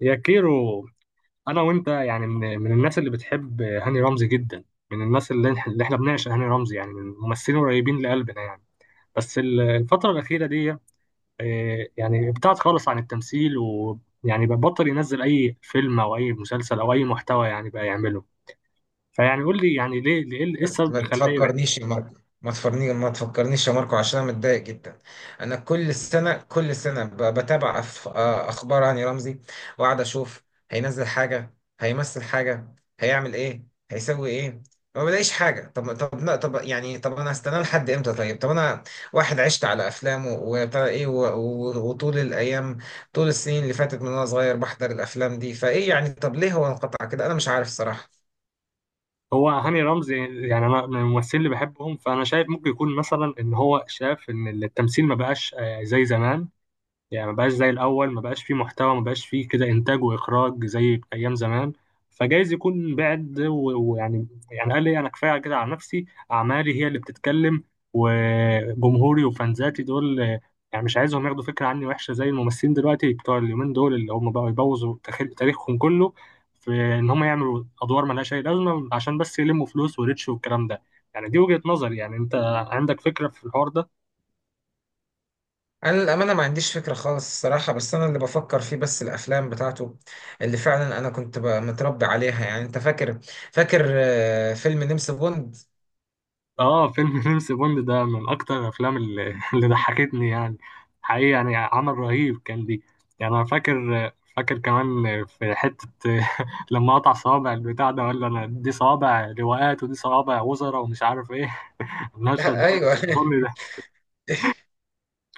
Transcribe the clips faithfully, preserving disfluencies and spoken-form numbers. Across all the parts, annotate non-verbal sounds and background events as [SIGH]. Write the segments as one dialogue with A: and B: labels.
A: يا كيرو، انا وانت يعني من, من الناس اللي بتحب هاني رمزي جدا. من الناس اللي, اللي احنا بنعشق هاني رمزي، يعني من الممثلين قريبين لقلبنا يعني. بس ال- الفترة الأخيرة دي آه، يعني ابتعد خالص عن التمثيل، ويعني بقى بطل ينزل أي فيلم أو أي مسلسل أو أي محتوى يعني بقى يعمله. فيعني قول لي يعني ليه ليه- إيه
B: بس
A: السبب
B: ما
A: اللي خلاه يبعد؟
B: تفكرنيش يا ماركو. ما تفكرني ما تفكرنيش يا ماركو عشان انا متضايق جدا. انا كل سنه كل سنه ب- بتابع أف- آه، اخبار هاني رمزي واقعد اشوف. هينزل حاجه، هيمثل حاجه، هيعمل ايه، هيسوي ايه؟ ما بلاقيش حاجه. طب طب لا طب يعني طب انا هستناه لحد امتى؟ طيب طب انا واحد عشت على افلامه وبتاع ايه و- و- وطول الايام، طول السنين اللي فاتت من وانا صغير بحضر الافلام دي. فايه يعني طب ليه هو انقطع كده؟ انا مش عارف الصراحه.
A: هو هاني رمزي يعني أنا من الممثلين اللي بحبهم، فأنا شايف ممكن يكون مثلا إن هو شاف إن التمثيل ما بقاش آه، زي زمان. يعني ما بقاش زي الاول، ما بقاش فيه محتوى، ما بقاش فيه كده انتاج واخراج زي ايام زمان. فجايز يكون بعد و- ويعني يعني قال لي انا كفايه كده على نفسي، اعمالي هي اللي بتتكلم وجمهوري وفانزاتي دول. آه، يعني مش عايزهم ياخدوا فكره عني وحشه زي الممثلين دلوقتي بتوع اليومين دول، اللي هم بقوا يبوظوا تاريخ- تاريخهم كله في ان هم يعملوا ادوار ملهاش اي لازمه عشان بس يلموا فلوس وريتش والكلام ده. يعني دي وجهه نظري، يعني انت عندك فكره في الحوار ده؟
B: انا للامانه ما عنديش فكره خالص الصراحه، بس انا اللي بفكر فيه بس الافلام بتاعته، اللي فعلا انا كنت ب- متربي عليها. يعني انت فاكر؟ فاكر آه، فيلم نمس بوند؟
A: اه، فيلم [LAUGHS] جيمس بوند ده من اكتر الافلام اللي, [LAUGHS] اللي ضحكتني يعني. حقيقي يعني عمل رهيب كان دي. يعني انا فاكر، فاكر كمان في حتة [LAUGHS] لما قطع صوابع البتاع ده، ولا انا دي صوابع لواءات ودي صوابع وزراء ومش عارف ايه. [LAUGHS]
B: [LAUGHS]
A: المشهد ده
B: ايوه [LAUGHS]
A: فصلني ضحك.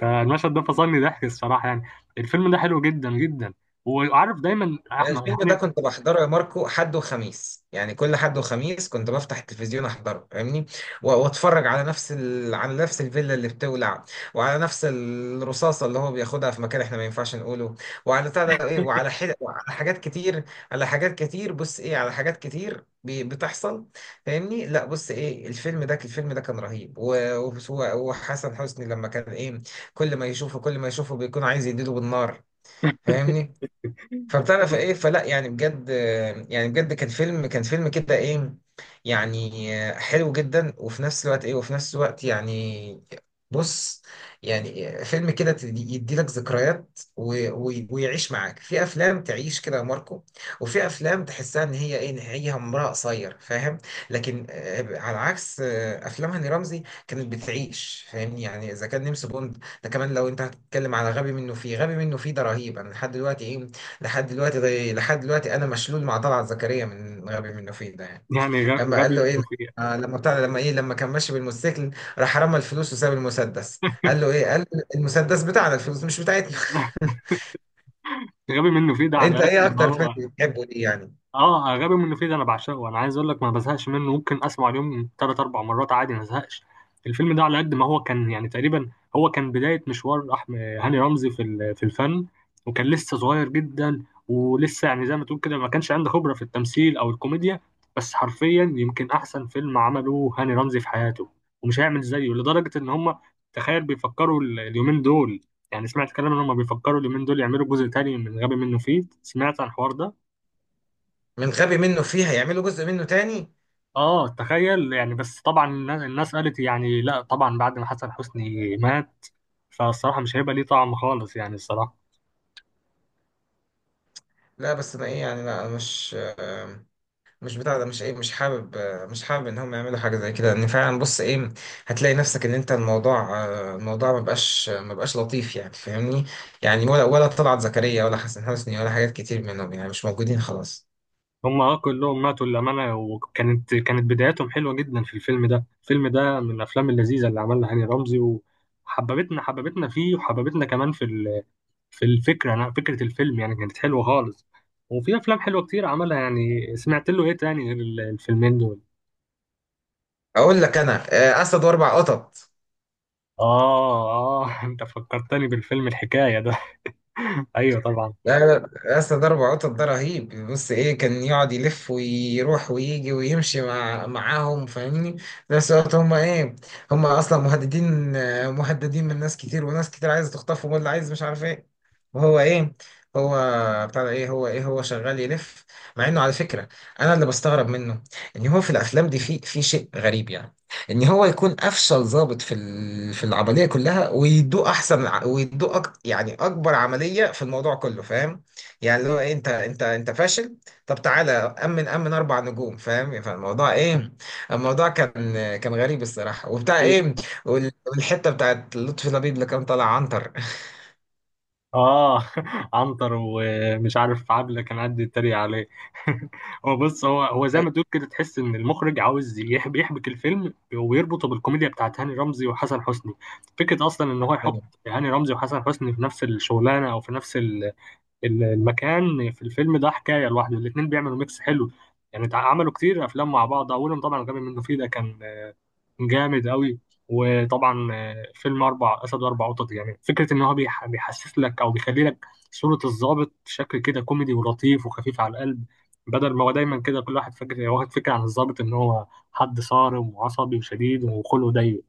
A: فالمشهد ده فصلني ضحك الصراحة يعني. الفيلم ده حلو جدا جدا. وعارف دايما احمد
B: الفيلم ده
A: يعني.
B: كنت بحضره يا ماركو حد وخميس، يعني كل حد وخميس كنت بفتح التلفزيون احضره، فاهمني؟ و- واتفرج على نفس ال... على نفس الفيلا اللي بتولع، وعلى نفس الرصاصه اللي هو بياخدها في مكان احنا ما ينفعش نقوله، وعلى بتاع ده ايه، وعلى حل... وعلى حاجات كتير، على حاجات كتير. بص ايه، على حاجات كتير بي- بتحصل، فاهمني؟ لا بص ايه، الفيلم ده الفيلم ده كان رهيب و... و... وحسن حسني لما كان ايه، كل ما يشوفه كل ما يشوفه بيكون عايز يديله بالنار،
A: [LAUGHS]
B: فاهمني؟ فبتعرف ايه، فلا يعني بجد، يعني بجد كان فيلم، كان فيلم كده ايه، يعني حلو جدا. وفي نفس الوقت ايه، وفي نفس الوقت يعني بص، يعني فيلم كده تدي- يديلك ذكريات و- و- ويعيش معاك. في افلام تعيش كده يا ماركو، وفي افلام تحسها ان هي ايه نهاية عمرها قصير، فاهم؟ لكن آه، على عكس آه، افلام هاني رمزي كانت بتعيش، فاهمني؟ يعني اذا كان نمس بوند ده، كمان لو انت هتتكلم على غبي منه فيه، غبي منه فيه ده رهيب. انا لحد دلوقتي ايه، لحد دلوقتي ده لحد دلوقتي انا مشلول مع طلعت زكريا من غبي منه فيه ده يعني.
A: يعني غ-
B: لما
A: غبي
B: قال له ايه،
A: منه فيه.
B: آه، لما طلع، لما ايه لما كان ماشي بالموتوسيكل، راح رمى الفلوس وساب المسدس، قال له ايه، قال له المسدس بتاعنا الفلوس مش بتاعتنا.
A: [LAUGHS] غبي منه فيه ده
B: [LAUGHS]
A: على
B: انت
A: قد
B: ايه
A: ما
B: اكتر فيلم
A: هو.
B: بتحبه ليه يعني؟
A: اه، غبي منه فيه ده انا بعشقه، انا عايز اقول لك ما بزهقش منه، ممكن اسمع اليوم ثلاث اربع مرات عادي ما ازهقش. الفيلم ده على قد ما هو كان يعني تقريبا هو كان بدايه مشوار احمد هاني رمزي في ال- في الفن، وكان لسه صغير جدا، ولسه يعني زي ما تقول كده ما كانش عنده خبره في التمثيل او الكوميديا. بس حرفيا يمكن احسن فيلم عمله هاني رمزي في حياته، ومش هيعمل زيه، لدرجه ان هم تخيل بيفكروا ال- اليومين دول. يعني سمعت كلام ان هم بيفكروا اليومين دول يعملوا جزء تاني من غبي منه فيه، سمعت عن الحوار ده؟
B: من غبي منه فيه هيعملوا جزء منه تاني؟
A: اه تخيل يعني. بس طبعا الناس، الناس قالت يعني لا طبعا بعد ما حسن حسني مات فالصراحة مش هيبقى ليه طعم خالص يعني الصراحة.
B: لا بس انا ايه يعني، لا أنا مش مش بتاع ده، مش ايه، مش حابب، مش حابب ان هم يعملوا حاجه زي كده. ان فعلا بص ايه، هتلاقي نفسك ان انت الموضوع، الموضوع ما بقاش ما بقاش لطيف يعني، فاهمني؟ يعني ولا ولا طلعت زكريا ولا حسن حسني ولا حاجات كتير منهم يعني مش موجودين خلاص.
A: هما كلهم ماتوا للأمانة، وكانت كانت بداياتهم حلوة جدا في الفيلم ده. الفيلم ده من الأفلام اللذيذة اللي عملها هاني رمزي، وحببتنا حببتنا فيه، وحببتنا كمان في ال- في الفكرة. أنا فكرة الفيلم يعني كانت حلوة خالص، وفي أفلام حلوة كتير عملها يعني. سمعت له إيه تاني غير ال- الفيلمين دول؟
B: اقول لك انا، آه، اسد واربع قطط.
A: آه آه [LAUGHS] أنت فكرتني بالفيلم الحكاية ده. [LAUGHS] أيوه طبعا.
B: لا لا، اصل ده ربع قطط ده رهيب، بص ايه، كان يقعد يلف ويروح ويجي ويمشي مع معاهم، فاهمني؟ في نفس الوقت هم ايه، هم اصلا مهددين، آه، مهددين من ناس كتير، وناس كتير عايزه تخطفهم واللي عايز مش عارف ايه، وهو ايه، هو بتاع ده ايه، هو ايه، هو شغال يلف. مع انه على فكره انا اللي بستغرب منه، ان هو في الافلام دي في في شيء غريب يعني، ان هو يكون افشل ضابط في ال- في العمليه كلها، ويدوق احسن ع- ويدوق أك... يعني اكبر عمليه في الموضوع كله، فاهم؟ يعني اللي هو إيه، انت انت انت فاشل، طب تعالى امن، امن اربع نجوم، فاهم؟ فالموضوع ايه، الموضوع كان كان غريب الصراحه وبتاع
A: ايه
B: ايه. وال- والحته بتاعت لطفي لبيب اللي كان طالع عنتر.
A: اه. [LAUGHS] عنتر ومش عارف عبله كان قاعد يتريق عليه. [LAUGHS] هو بص، هو هو زي ما تقول
B: [LAUGHS]
A: كده تحس ان المخرج عاوز يحب يحبك الفيلم ويربطه بالكوميديا بتاعت هاني رمزي وحسن حسني. فكره اصلا ان هو يحط
B: أيوة.
A: هاني رمزي وحسن حسني في نفس الشغلانه او في نفس ال- ال- المكان. في الفيلم ده حكايه لوحده، الاثنين بيعملوا ميكس حلو يعني. تع- عملوا كتير افلام مع بعض، اولهم طبعا غبي منه فيه ده كان جامد قوي. وطبعا آه، فيلم اربع اسد واربع قطط، يعني فكره ان هو بيح- بيحسس لك او بيخلي لك صوره الضابط شكل كده كوميدي ولطيف وخفيف على القلب، بدل ما هو دايما كده كل واحد فاكر واخد فكره عن الضابط ان هو حد صارم وعصبي وشديد وخلقه ضيق.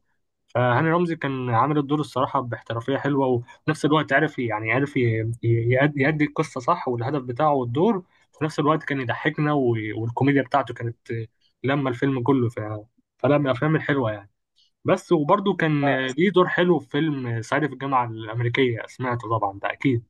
A: فهاني رمزي كان عامل الدور الصراحه باحترافيه حلوه، وفي نفس الوقت عرف يعني عرف ي- ي- يأد- يأدي القصه صح، والهدف بتاعه والدور. في نفس الوقت كان يضحكنا، و- والكوميديا بتاعته كانت آه، لما الفيلم كله. ف... فلا، من الافلام الحلوه يعني. بس وبرضه كان ليه دور حلو في فيلم صعيدي في الجامعة الأمريكية، سمعته طبعا ده أكيد.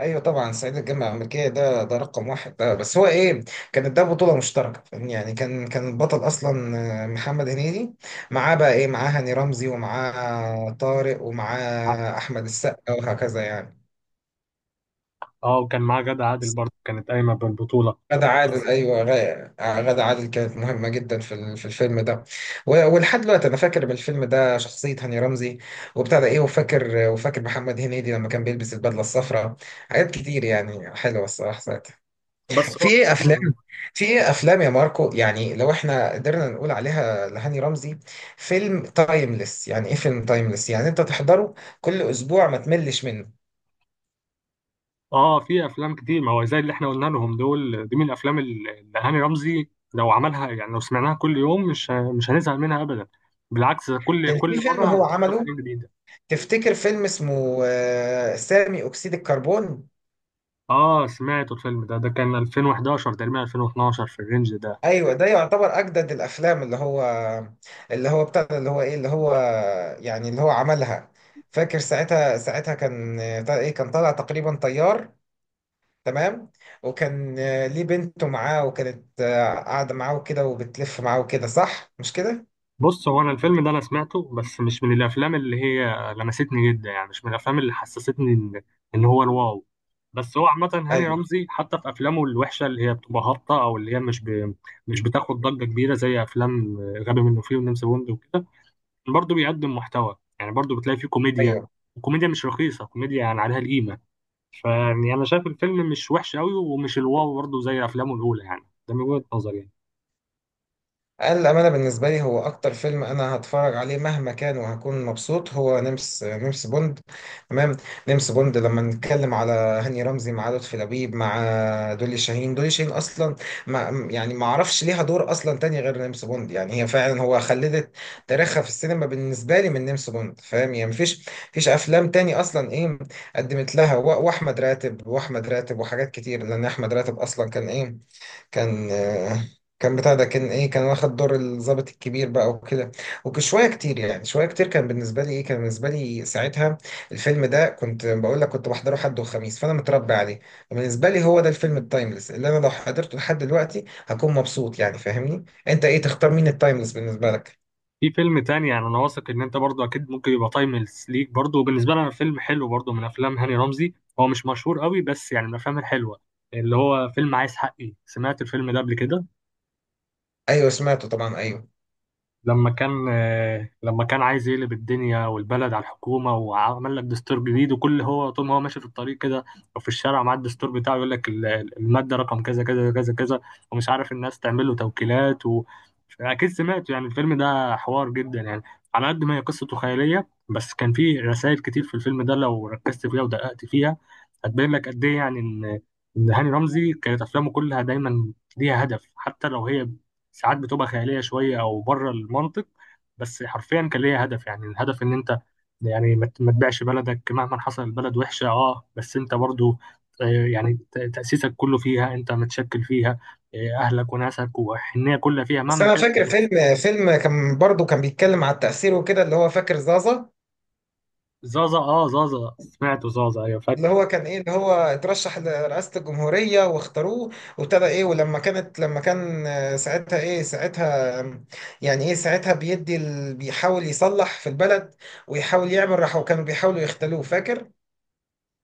B: ايوه طبعا صعيدي في الجامعه الامريكيه ده، ده رقم واحد ده، بس هو ايه، كانت ده بطوله مشتركه فاهمني، يعني كان كان البطل اصلا آه، محمد هنيدي، معاه بقى ايه، معاه هاني رمزي، ومعاه طارق، ومعاه احمد السقا، وهكذا يعني.
A: اه، وكان معاه غادة عادل برضه كانت قايمة بالبطولة.
B: غادة عادل، ايوه، غا- غادة عادل كانت مهمه جدا في ال- في الفيلم ده. و- ولحد دلوقتي انا فاكر من الفيلم ده شخصيه هاني رمزي وبتاع ده ايه، وفاكر، وفاكر محمد هنيدي لما كان بيلبس البدله الصفراء. حاجات كتير يعني حلوه الصراحه ساعتها.
A: بس
B: في
A: هو
B: ايه افلام، في ايه افلام يا ماركو يعني لو احنا قدرنا نقول عليها لهاني رمزي، فيلم تايمليس يعني، ايه فيلم تايمليس يعني انت تحضره كل اسبوع ما تملش منه؟
A: اه في أفلام كتير، ما هو زي اللي احنا قلنا لهم دول، دي من الأفلام اللي اللي هاني رمزي لو عملها، يعني لو سمعناها كل يوم، مش ه- مش هنزهق منها أبدا. بالعكس، ده كل
B: كان
A: كل
B: في فيلم هو
A: مرة نشوف
B: عمله،
A: حاجة جديدة.
B: تفتكر فيلم اسمه آه، سامي اكسيد الكربون؟
A: اه سمعته، الفيلم ده ده كان ألفين وحداشر تقريبا ألفين واثنا عشر في الرينج ده.
B: ايوه ده يعتبر اجدد الافلام اللي هو، اللي هو بتاع ده، اللي هو ايه، اللي هو يعني اللي هو عملها. فاكر ساعتها، ساعتها كان آه، ايه، كان طالع تقريبا طيار، تمام؟ وكان آه، ليه بنته معاه، وكانت آه، قاعده معاه وكده، وبتلف معاه وكده، صح مش كده؟
A: بص، هو انا الفيلم ده انا سمعته بس مش من الافلام اللي هي لمستني جدا، يعني مش من الافلام اللي حسستني ان ان هو الواو. بس هو عامه هاني
B: ايوه
A: رمزي حتى في افلامه الوحشه اللي هي بتبقى هابطه او اللي هي مش ب... مش بتاخد ضجه كبيره زي افلام غبي منه فيه ونمس بوند وكده، برضه بيقدم محتوى يعني، برضه بتلاقي فيه كوميديا.
B: ايوه.
A: وكوميديا مش رخيصه، كوميديا يعني عليها القيمه. فيعني انا شايف الفيلم مش وحش قوي، ومش الواو برضه زي افلامه الاولى، يعني ده من وجهه نظري يعني.
B: الأمانة بالنسبة لي هو أكتر فيلم أنا هتفرج عليه مهما كان وهكون مبسوط، هو نمس نمس بوند، تمام؟ نمس بوند لما نتكلم على هاني رمزي، مع لطفي لبيب، مع دولي شاهين. دولي شاهين أصلا، ما يعني، ما أعرفش ليها دور أصلا تاني غير نمس بوند يعني، هي فعلا هو خلدت تاريخها في السينما بالنسبة لي من نمس بوند، فاهم يعني؟ مفيش مفيش أفلام تاني أصلا إيه قدمت لها. و- وأحمد راتب، وأحمد راتب وحاجات كتير، لأن أحمد راتب أصلا كان إيه، كان كان بتاع ده، كان ايه، كان واخد دور الضابط الكبير بقى وكده، وشويه كتير يعني، شويه كتير كان بالنسبه لي ايه، كان بالنسبه لي ساعتها الفيلم ده كنت بقول لك، كنت بحضره حد وخميس فانا متربي عليه. بالنسبه لي هو ده الفيلم التايمليس اللي انا لو حضرته لحد دلوقتي هكون مبسوط يعني، فاهمني؟ انت ايه تختار، مين التايمليس بالنسبه لك؟
A: في فيلم تاني يعني انا واثق ان انت برضو اكيد ممكن يبقى تايمليس ليك برضو، وبالنسبه لي انا فيلم حلو برضو من افلام هاني رمزي، هو مش مشهور قوي بس يعني من الافلام الحلوه، اللي هو فيلم عايز حقي، سمعت الفيلم ده قبل كده؟
B: ايوه سمعته طبعا ايوه.
A: لما كان آه، لما كان عايز يقلب الدنيا والبلد على الحكومة، وعمل لك دستور جديد، وكل هو طول ما هو ماشي في الطريق كده أو في الشارع مع الدستور بتاعه يقول لك ال- ال- المادة رقم كذا كذا كذا كذا، ومش عارف الناس تعمل له توكيلات و... أكيد سمعت يعني. الفيلم ده حوار جدا يعني، على قد ما هي قصته خيالية، بس كان فيه رسائل كتير في الفيلم ده لو ركزت فيها ودققت فيها هتبين لك قد إيه يعني، إن إن هاني رمزي كانت أفلامه كلها دايما ليها هدف. حتى لو هي ساعات بتبقى خياليه شويه او بره المنطق، بس حرفيا كان ليها هدف، يعني الهدف ان انت يعني ما ت- ما تبيعش بلدك مهما حصل، البلد وحشه اه بس انت برضو آه، يعني ت- تاسيسك كله فيها، انت متشكل فيها، آه، اهلك وناسك وحنيه كلها فيها
B: بس
A: مهما
B: انا
A: كانت
B: فاكر فيلم،
A: الظروف.
B: فيلم كان برضه كان بيتكلم على التأثير وكده، اللي هو فاكر زازا.
A: زازا، اه زازا سمعته، زازا ايوه
B: اللي
A: فاكر.
B: هو كان ايه، اللي هو اترشح لرئاسة الجمهورية واختاروه، وابتدى ايه، ولما كانت، لما كان آه، ساعتها ايه، ساعتها آم، يعني ايه ساعتها بيدي ال... بيحاول يصلح في البلد، ويحاول يعمل راحة، وكانوا بيحاولوا يختلوه، فاكر؟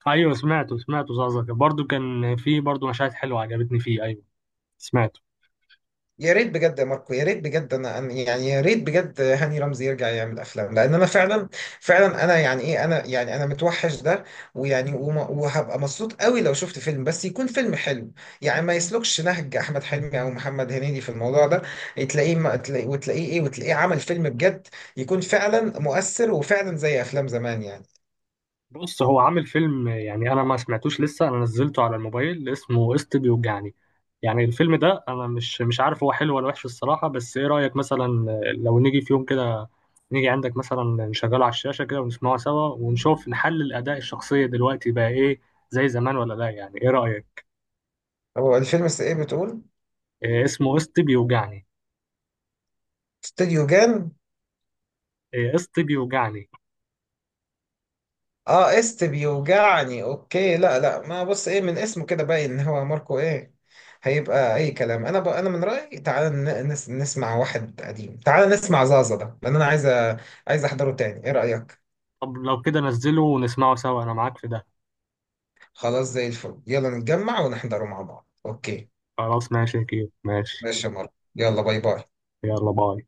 A: ايوه سمعته، سمعته زازا، برضو كان في برضو مشاهد حلوه عجبتني فيه، ايوه سمعت.
B: يا ريت بجد يا ماركو، يا ريت بجد انا أنا- يعني يا ريت بجد هاني رمزي يرجع يعمل افلام، لان انا فعلا، فعلا انا يعني ايه، انا يعني انا متوحش ده، ويعني وما- وهبقى مبسوط قوي لو شفت فيلم، بس يكون فيلم حلو يعني، ما يسلكش نهج احمد حلمي او محمد هنيدي في الموضوع ده، تلاقيه ما تلاقيه، وتلاقيه ايه، وتلاقيه عمل فيلم بجد يكون فعلا مؤثر وفعلا زي افلام زمان يعني.
A: بص هو عامل فيلم، يعني انا ما سمعتوش لسه، انا نزلته على الموبايل اسمه قسط بيوجعني. يعني الفيلم ده انا مش مش عارف هو حلو ولا وحش الصراحه، بس ايه رايك مثلا لو نيجي في يوم كده نيجي عندك مثلا نشغله على الشاشه كده ونسمعه سوا، ونشوف نحلل اداء الشخصيه دلوقتي بقى ايه، زي زمان ولا لا؟ يعني ايه رايك؟
B: هو الفيلم س- ايه بتقول؟
A: إيه اسمه قسط بيوجعني.
B: استوديو جان؟
A: إيه قسط بيوجعني.
B: اه است بيوجعني، اوكي. لا لا، ما بص ايه، من اسمه كده باين ان هو ماركو ايه، هيبقى اي كلام. انا ب... انا من رايي تعال ن... نس... نسمع واحد قديم، تعال نسمع زازا ده لان انا عايز أ... عايز احضره تاني، ايه رايك؟
A: طب لو كده نزله ونسمعه سوا، انا معاك في ده.
B: خلاص زي الفل، يلا نتجمع ونحضره مع بعض، اوكي؟
A: خلاص ماشي كده، ماشي.
B: ماشي يا ماركو، يلا باي باي.
A: يلا باي.